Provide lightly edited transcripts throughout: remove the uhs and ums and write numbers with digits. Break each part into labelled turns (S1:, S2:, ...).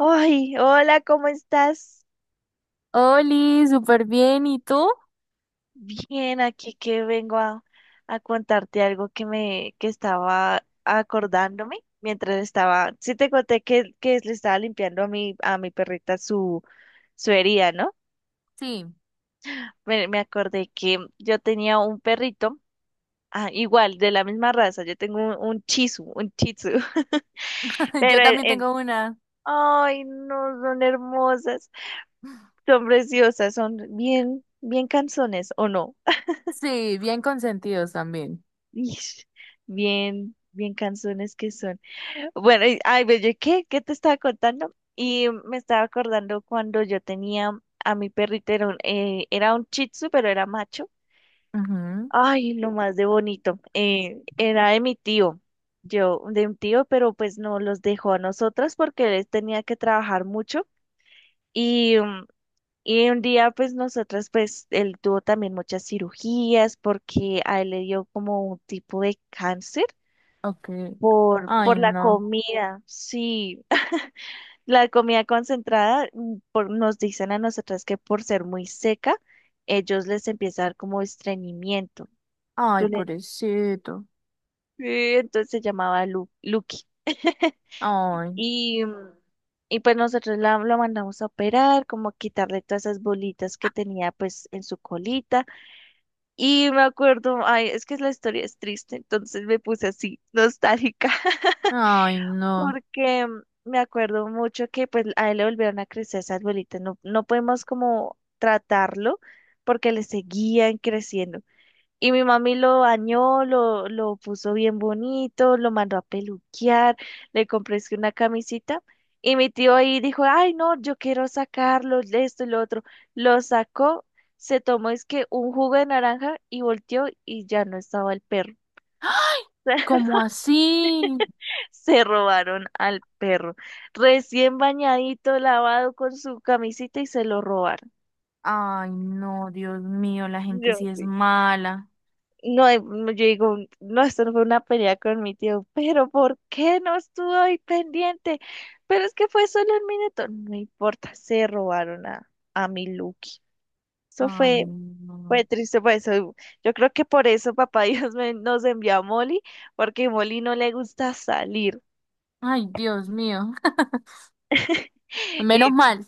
S1: Ay, hola, ¿cómo estás?
S2: Oli, súper bien. ¿Y tú?
S1: Bien, aquí que vengo a contarte algo que me que estaba acordándome mientras estaba, sí te conté que le estaba limpiando a mi perrita su herida, ¿no?
S2: Sí,
S1: Me acordé que yo tenía un perrito, ah, igual, de la misma raza, yo tengo un chisu, un chitsu,
S2: yo
S1: pero
S2: también tengo una.
S1: ay, no, son hermosas, son preciosas, son bien, bien canzones, ¿o no?
S2: Sí, bien consentidos también.
S1: Ish, bien, bien canzones que son. Bueno, ay, ve, yo, ¿qué? ¿Qué te estaba contando? Y me estaba acordando cuando yo tenía a mi perrito, era un Shih Tzu, pero era macho.
S2: Ujú.
S1: Ay, lo más de bonito. Era de mi tío, yo, de un tío, pero pues no los dejó a nosotras porque él tenía que trabajar mucho. Y, y un día, pues nosotras, pues él tuvo también muchas cirugías porque a él le dio como un tipo de cáncer.
S2: Ok.
S1: Por
S2: Ay,
S1: la
S2: no.
S1: comida, sí, la comida concentrada, por, nos dicen a nosotras que por ser muy seca, ellos les empieza a dar como estreñimiento.
S2: Ay,
S1: Tú le-
S2: pobrecito.
S1: Sí, entonces se llamaba Lu, Lucky.
S2: Ay,
S1: Y, y pues nosotros la, lo mandamos a operar, como a quitarle todas esas bolitas que tenía pues en su colita. Y me acuerdo, ay, es que la historia es triste, entonces me puse así, nostálgica.
S2: ay, no.
S1: Porque me acuerdo mucho que pues a él le volvieron a crecer esas bolitas. No, no podemos como tratarlo porque le seguían creciendo. Y mi mami lo bañó, lo puso bien bonito, lo mandó a peluquear, le compré es que una camisita. Y mi tío ahí dijo, ay no, yo quiero sacarlo, esto y lo otro. Lo sacó, se tomó es que un jugo de naranja y volteó y ya no estaba el perro.
S2: ¡Ay! ¿Cómo así?
S1: Se robaron al perro. Recién bañadito, lavado con su camisita y se lo robaron.
S2: Ay, no, Dios mío, la gente
S1: Yo
S2: sí es
S1: sí.
S2: mala.
S1: No, no, yo digo, no, esto no fue una pelea con mi tío, pero ¿por qué no estuvo ahí pendiente? Pero es que fue solo un minuto. No importa, se robaron a mi Lucky. Eso
S2: Ay,
S1: fue,
S2: no.
S1: fue triste, por eso. Yo creo que por eso nos envió a Molly, porque Molly no le gusta salir.
S2: Ay, Dios mío. Menos
S1: y
S2: mal.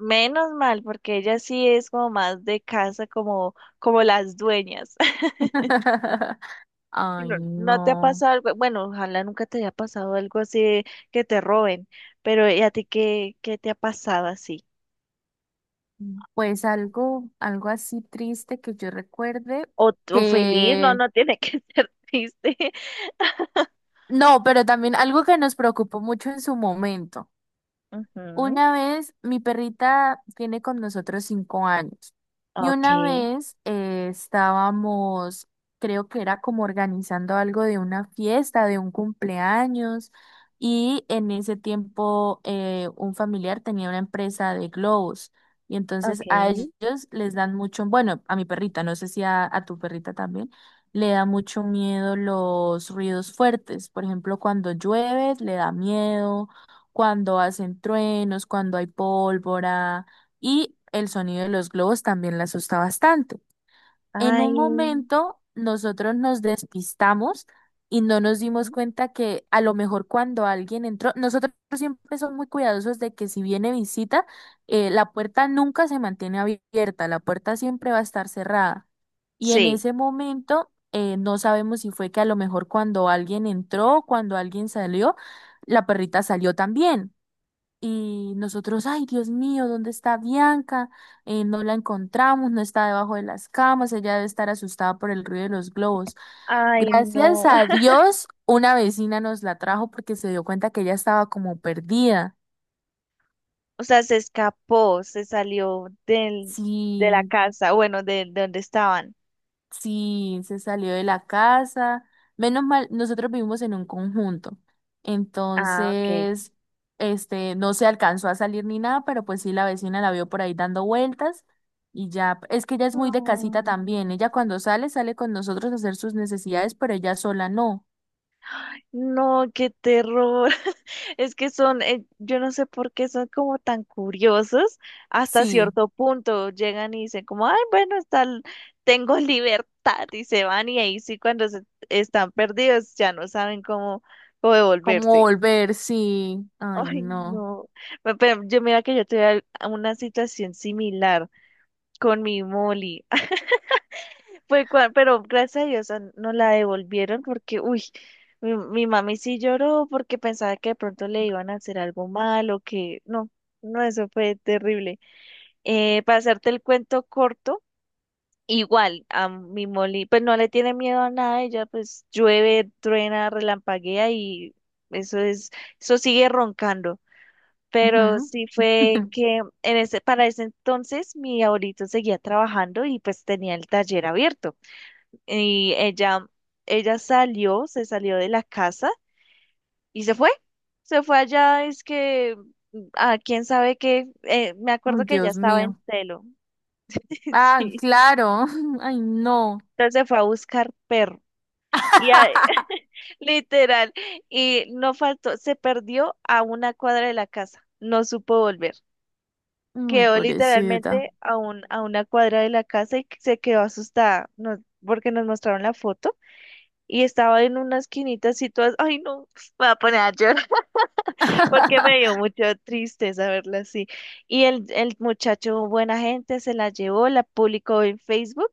S1: Menos mal, porque ella sí es como más de casa, como, como las dueñas.
S2: Ay,
S1: No, no te ha
S2: no.
S1: pasado algo, bueno, ojalá nunca te haya pasado algo así de que te roben, pero ¿y a ti qué, qué te ha pasado así?
S2: Mm. Pues algo así triste que yo recuerde
S1: O feliz, no,
S2: que...
S1: no tiene que ser triste.
S2: No, pero también algo que nos preocupó mucho en su momento.
S1: Ujú.
S2: Una vez, mi perrita tiene con nosotros 5 años y
S1: Ok,
S2: una vez estábamos, creo que era como organizando algo de una fiesta, de un cumpleaños y en ese tiempo un familiar tenía una empresa de globos y entonces
S1: ok.
S2: a ellos les dan mucho, bueno, a mi perrita, no sé si a, a tu perrita también. Le da mucho miedo los ruidos fuertes. Por ejemplo, cuando llueve, le da miedo cuando hacen truenos, cuando hay pólvora y el sonido de los globos también la asusta bastante. En
S1: Ay,
S2: un momento nosotros nos despistamos y no nos dimos
S1: ujú,
S2: cuenta que a lo mejor cuando alguien entró, nosotros siempre somos muy cuidadosos de que si viene visita, la puerta nunca se mantiene abierta, la puerta siempre va a estar cerrada. Y en
S1: sí.
S2: ese momento no sabemos si fue que a lo mejor cuando alguien entró, cuando alguien salió, la perrita salió también. Y nosotros, ay, Dios mío, ¿dónde está Bianca? No la encontramos, no está debajo de las camas, ella debe estar asustada por el ruido de los globos.
S1: Ay,
S2: Gracias
S1: no.
S2: a Dios, una vecina nos la trajo porque se dio cuenta que ella estaba como perdida.
S1: O sea, se escapó, se salió del, de la
S2: Sí.
S1: casa, bueno, de donde estaban.
S2: Sí, se salió de la casa. Menos mal, nosotros vivimos en un conjunto.
S1: Ah, ok.
S2: Entonces, este, no se alcanzó a salir ni nada, pero pues sí, la vecina la vio por ahí dando vueltas y ya, es que ella es muy de casita también.
S1: Mm,
S2: Ella cuando sale, sale con nosotros a hacer sus necesidades, pero ella sola no.
S1: no, qué terror. Es que son, yo no sé por qué son como tan curiosos hasta
S2: Sí,
S1: cierto punto. Llegan y dicen como, ay, bueno, está, tengo libertad y se van y ahí sí cuando están perdidos ya no saben cómo, cómo
S2: como
S1: devolverse.
S2: volver, sí. Ay,
S1: Ay,
S2: no.
S1: no. Pero yo mira que yo tuve una situación similar con mi Molly. Pero gracias a Dios ah, no la devolvieron porque, uy, mi mami sí lloró porque pensaba que de pronto le iban a hacer algo malo, que no, no, eso fue terrible. Para hacerte el cuento corto, igual a mi Molly, pues no le tiene miedo a nada, ella pues llueve, truena, relampaguea y eso es, eso sigue roncando. Pero
S2: Ujú.
S1: sí fue que en ese, para ese entonces mi abuelito seguía trabajando y pues tenía el taller abierto. Y ella salió, se salió de la casa y se fue. Se fue allá, es que, a quién sabe qué, me
S2: Ay,
S1: acuerdo que ella
S2: Dios
S1: estaba en
S2: mío.
S1: Telo.
S2: Ah,
S1: Sí.
S2: claro. Ay, no.
S1: Entonces se fue a buscar perro. Y a- literal, y no faltó, se perdió a una cuadra de la casa, no supo volver.
S2: Ay,
S1: Quedó
S2: pobrecita.
S1: literalmente a un, a una cuadra de la casa y se quedó asustada, no, porque nos mostraron la foto y estaba en una esquinita así todas, ay no, me voy a poner a llorar porque me dio mucha tristeza verla así. Y el muchacho, buena gente, se la llevó, la publicó en Facebook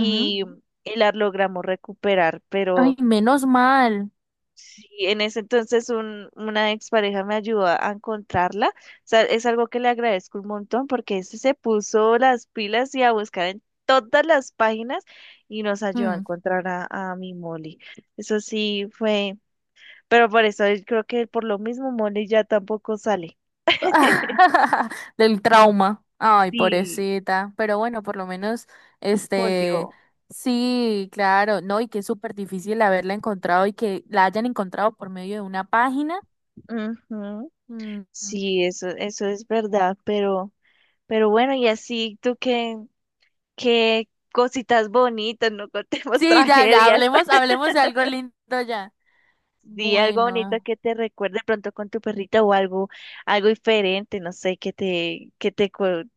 S2: Ujú.
S1: y la logramos recuperar, pero
S2: Ay, menos mal.
S1: sí, en ese entonces un, una expareja me ayudó a encontrarla. O sea, es algo que le agradezco un montón porque ese se puso las pilas y a buscar en todas las páginas y nos ayudó a
S2: Mm.
S1: encontrar a mi Molly. Eso sí fue. Pero por eso yo creo que por lo mismo Molly ya tampoco sale.
S2: Del trauma. Ay,
S1: Sí,
S2: pobrecita. Pero bueno, por lo menos, este,
S1: volvió.
S2: sí, claro, no, y que es súper difícil haberla encontrado y que la hayan encontrado por medio de una página.
S1: Ujú.
S2: Mm.
S1: Sí, eso es verdad, pero bueno, y así tú qué, qué cositas bonitas, no contemos
S2: Sí, ya, ya,
S1: tragedias.
S2: hablemos, hablemos de algo lindo ya.
S1: Sí, algo bonito
S2: Bueno.
S1: que te recuerde pronto con tu perrita o algo, algo diferente, no sé, que te, que te,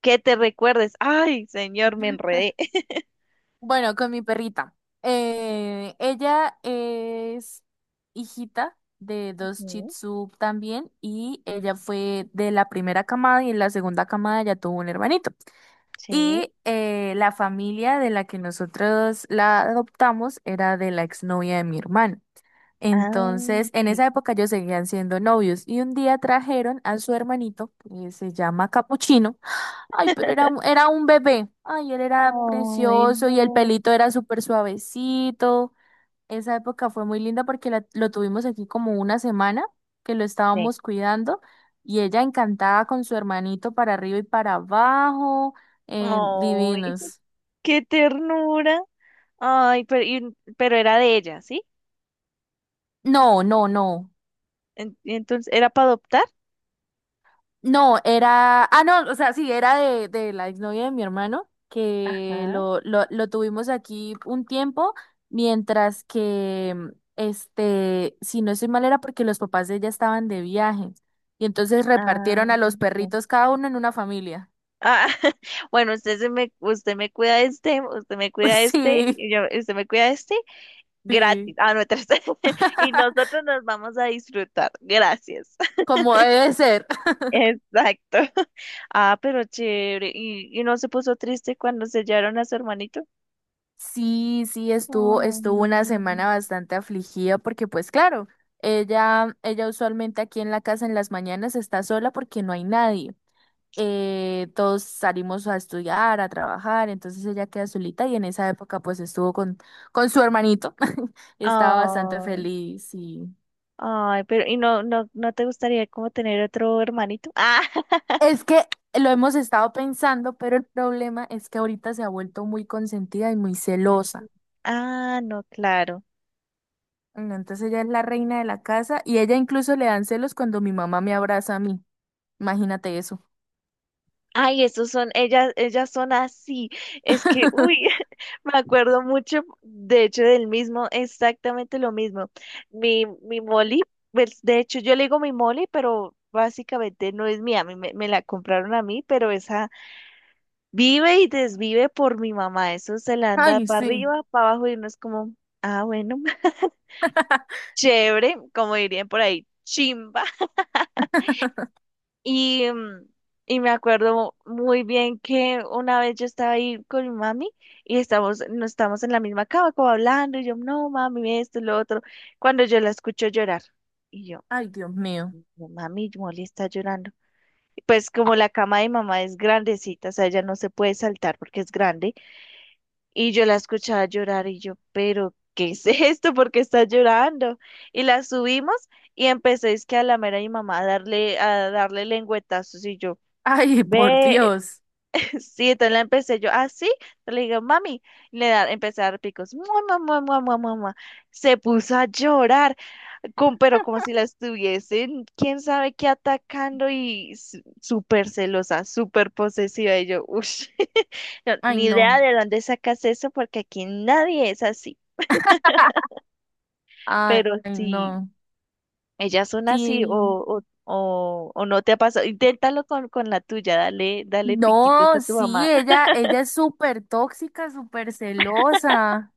S1: que te recuerdes. Ay, señor, me enredé.
S2: Bueno, con mi perrita. Ella es hijita de dos Shih
S1: Ujú.
S2: Tzu también y ella fue de la primera camada y en la segunda camada ya tuvo un hermanito.
S1: Sí.
S2: Y la familia de la que nosotros la adoptamos era de la exnovia de mi hermano.
S1: Ah,
S2: Entonces, en
S1: ok.
S2: esa época ellos seguían siendo novios y un día trajeron a su hermanito, que se llama Capuchino. Ay, pero era un bebé. Ay, él era
S1: Ay,
S2: precioso
S1: no.
S2: y el pelito era súper suavecito. Esa época fue muy linda porque lo tuvimos aquí como 1 semana que lo
S1: Sí.
S2: estábamos cuidando y ella encantada con su hermanito para arriba y para abajo.
S1: Ay,
S2: Divinos.
S1: qué ternura. Ay, pero, pero era de ella, ¿sí?
S2: No, no, no.
S1: Entonces, ¿era para adoptar?
S2: No, era, ah, no, o sea, sí, era de la exnovia de mi hermano, que
S1: Ajá.
S2: lo tuvimos aquí un tiempo, mientras que, este, si no estoy mal, era porque los papás de ella estaban de viaje, y entonces
S1: Ah,
S2: repartieron a los
S1: sí.
S2: perritos cada uno en una familia.
S1: Ah, bueno, usted se me, usted me cuida este, usted me cuida este,
S2: Sí,
S1: y usted me cuida este, gratis.
S2: sí,
S1: Ah, no, tres. Y nosotros nos vamos a disfrutar. Gracias.
S2: como debe ser.
S1: Exacto. Ah, pero chévere. Y no se puso triste cuando sellaron a su hermanito?
S2: Sí, sí, estuvo,
S1: Ay,
S2: estuvo una
S1: no.
S2: semana bastante afligida porque pues claro, ella usualmente aquí en la casa en las mañanas está sola porque no hay nadie. Todos salimos a estudiar, a trabajar, entonces ella queda solita y en esa época pues estuvo con su hermanito y estaba bastante
S1: Ay.
S2: feliz y
S1: Ay, pero ¿y no, no, no te gustaría como tener otro hermanito? Ah,
S2: es que lo hemos estado pensando, pero el problema es que ahorita se ha vuelto muy consentida y muy celosa.
S1: ah, no, claro.
S2: No, entonces ella es la reina de la casa y ella incluso le dan celos cuando mi mamá me abraza a mí. Imagínate eso.
S1: Ay, esos son, ellas son así. Es que, uy, me acuerdo mucho, de hecho, del mismo, exactamente lo mismo. Mi Molly, pues, de hecho, yo le digo mi Molly, pero básicamente no es mía, a mí me, me la compraron a mí, pero esa vive y desvive por mi mamá. Eso se la anda
S2: Ay,
S1: para
S2: sí.
S1: arriba, para abajo y uno es como, ah, bueno. Chévere, como dirían por ahí, chimba. Y, y me acuerdo muy bien que una vez yo estaba ahí con mi mami y estamos, no estamos en la misma cama, como hablando, y yo, no, mami, esto, lo otro, cuando yo la escucho llorar. Y yo,
S2: Ay, Dios mío.
S1: "No, mami, Molly está llorando". Pues como la cama de mamá es grandecita, o sea, ella no se puede saltar porque es grande, y yo la escuchaba llorar y yo, pero ¿qué es esto? ¿Por qué está llorando? Y la subimos y empecé es que a lamer a mi mamá a darle lengüetazos y yo,
S2: Ay, por
S1: ve,
S2: Dios.
S1: sí, entonces la empecé yo, ah, sí, entonces le digo, mami, y le da, empecé a dar picos, mua, mua, mua, mua, mua, mua, mua. Se puso a llorar pero como si la estuviesen, quién sabe qué atacando y súper celosa, súper posesiva. Y yo, uff,
S2: Ay,
S1: ni
S2: no.
S1: idea de dónde sacas eso porque aquí nadie es así.
S2: Ay,
S1: Pero si
S2: no.
S1: ellas son así
S2: Sí.
S1: o no te ha pasado, inténtalo con la tuya, dale, dale piquitos a
S2: No,
S1: tu
S2: sí,
S1: mamá.
S2: ella es súper tóxica, súper celosa.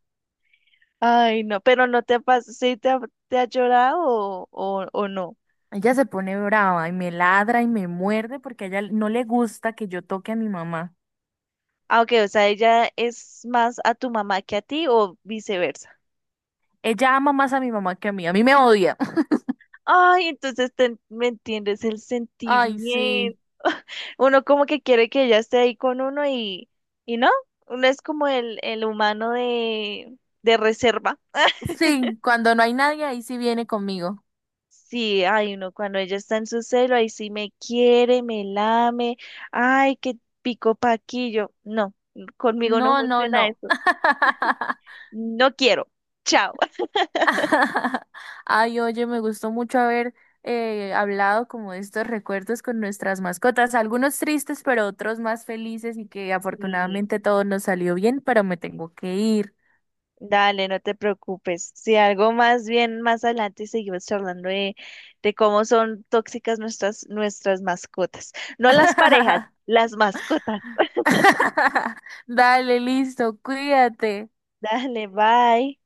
S1: Ay, no, pero no te ha pasado, ¿sí te ha llorado o no?
S2: Ella se pone brava y me ladra y me muerde porque a ella no le gusta que yo toque a mi mamá.
S1: Ah, ok, o sea, ella es más a tu mamá que a ti o viceversa.
S2: Ella ama más a mi mamá que a mí. A mí me odia.
S1: Ay, entonces me entiendes el
S2: Ay, sí.
S1: sentimiento. Uno como que quiere que ella esté ahí con uno y no, uno es como el humano de reserva.
S2: Sí, cuando no hay nadie, ahí sí viene conmigo.
S1: Sí, ay, uno cuando ella está en su celo, ahí sí me quiere, me lame, ay, qué pico paquillo. No, conmigo no
S2: No, no,
S1: funciona
S2: no.
S1: eso. No quiero. Chao.
S2: Ay, oye, me gustó mucho haber hablado como de estos recuerdos con nuestras mascotas, algunos tristes, pero otros más felices y que afortunadamente todo nos salió bien, pero me tengo que ir.
S1: Dale, no te preocupes. Si algo más bien más adelante seguimos charlando de cómo son tóxicas nuestras, nuestras mascotas. No las parejas, las mascotas.
S2: Dale, listo, cuídate.
S1: Dale, bye.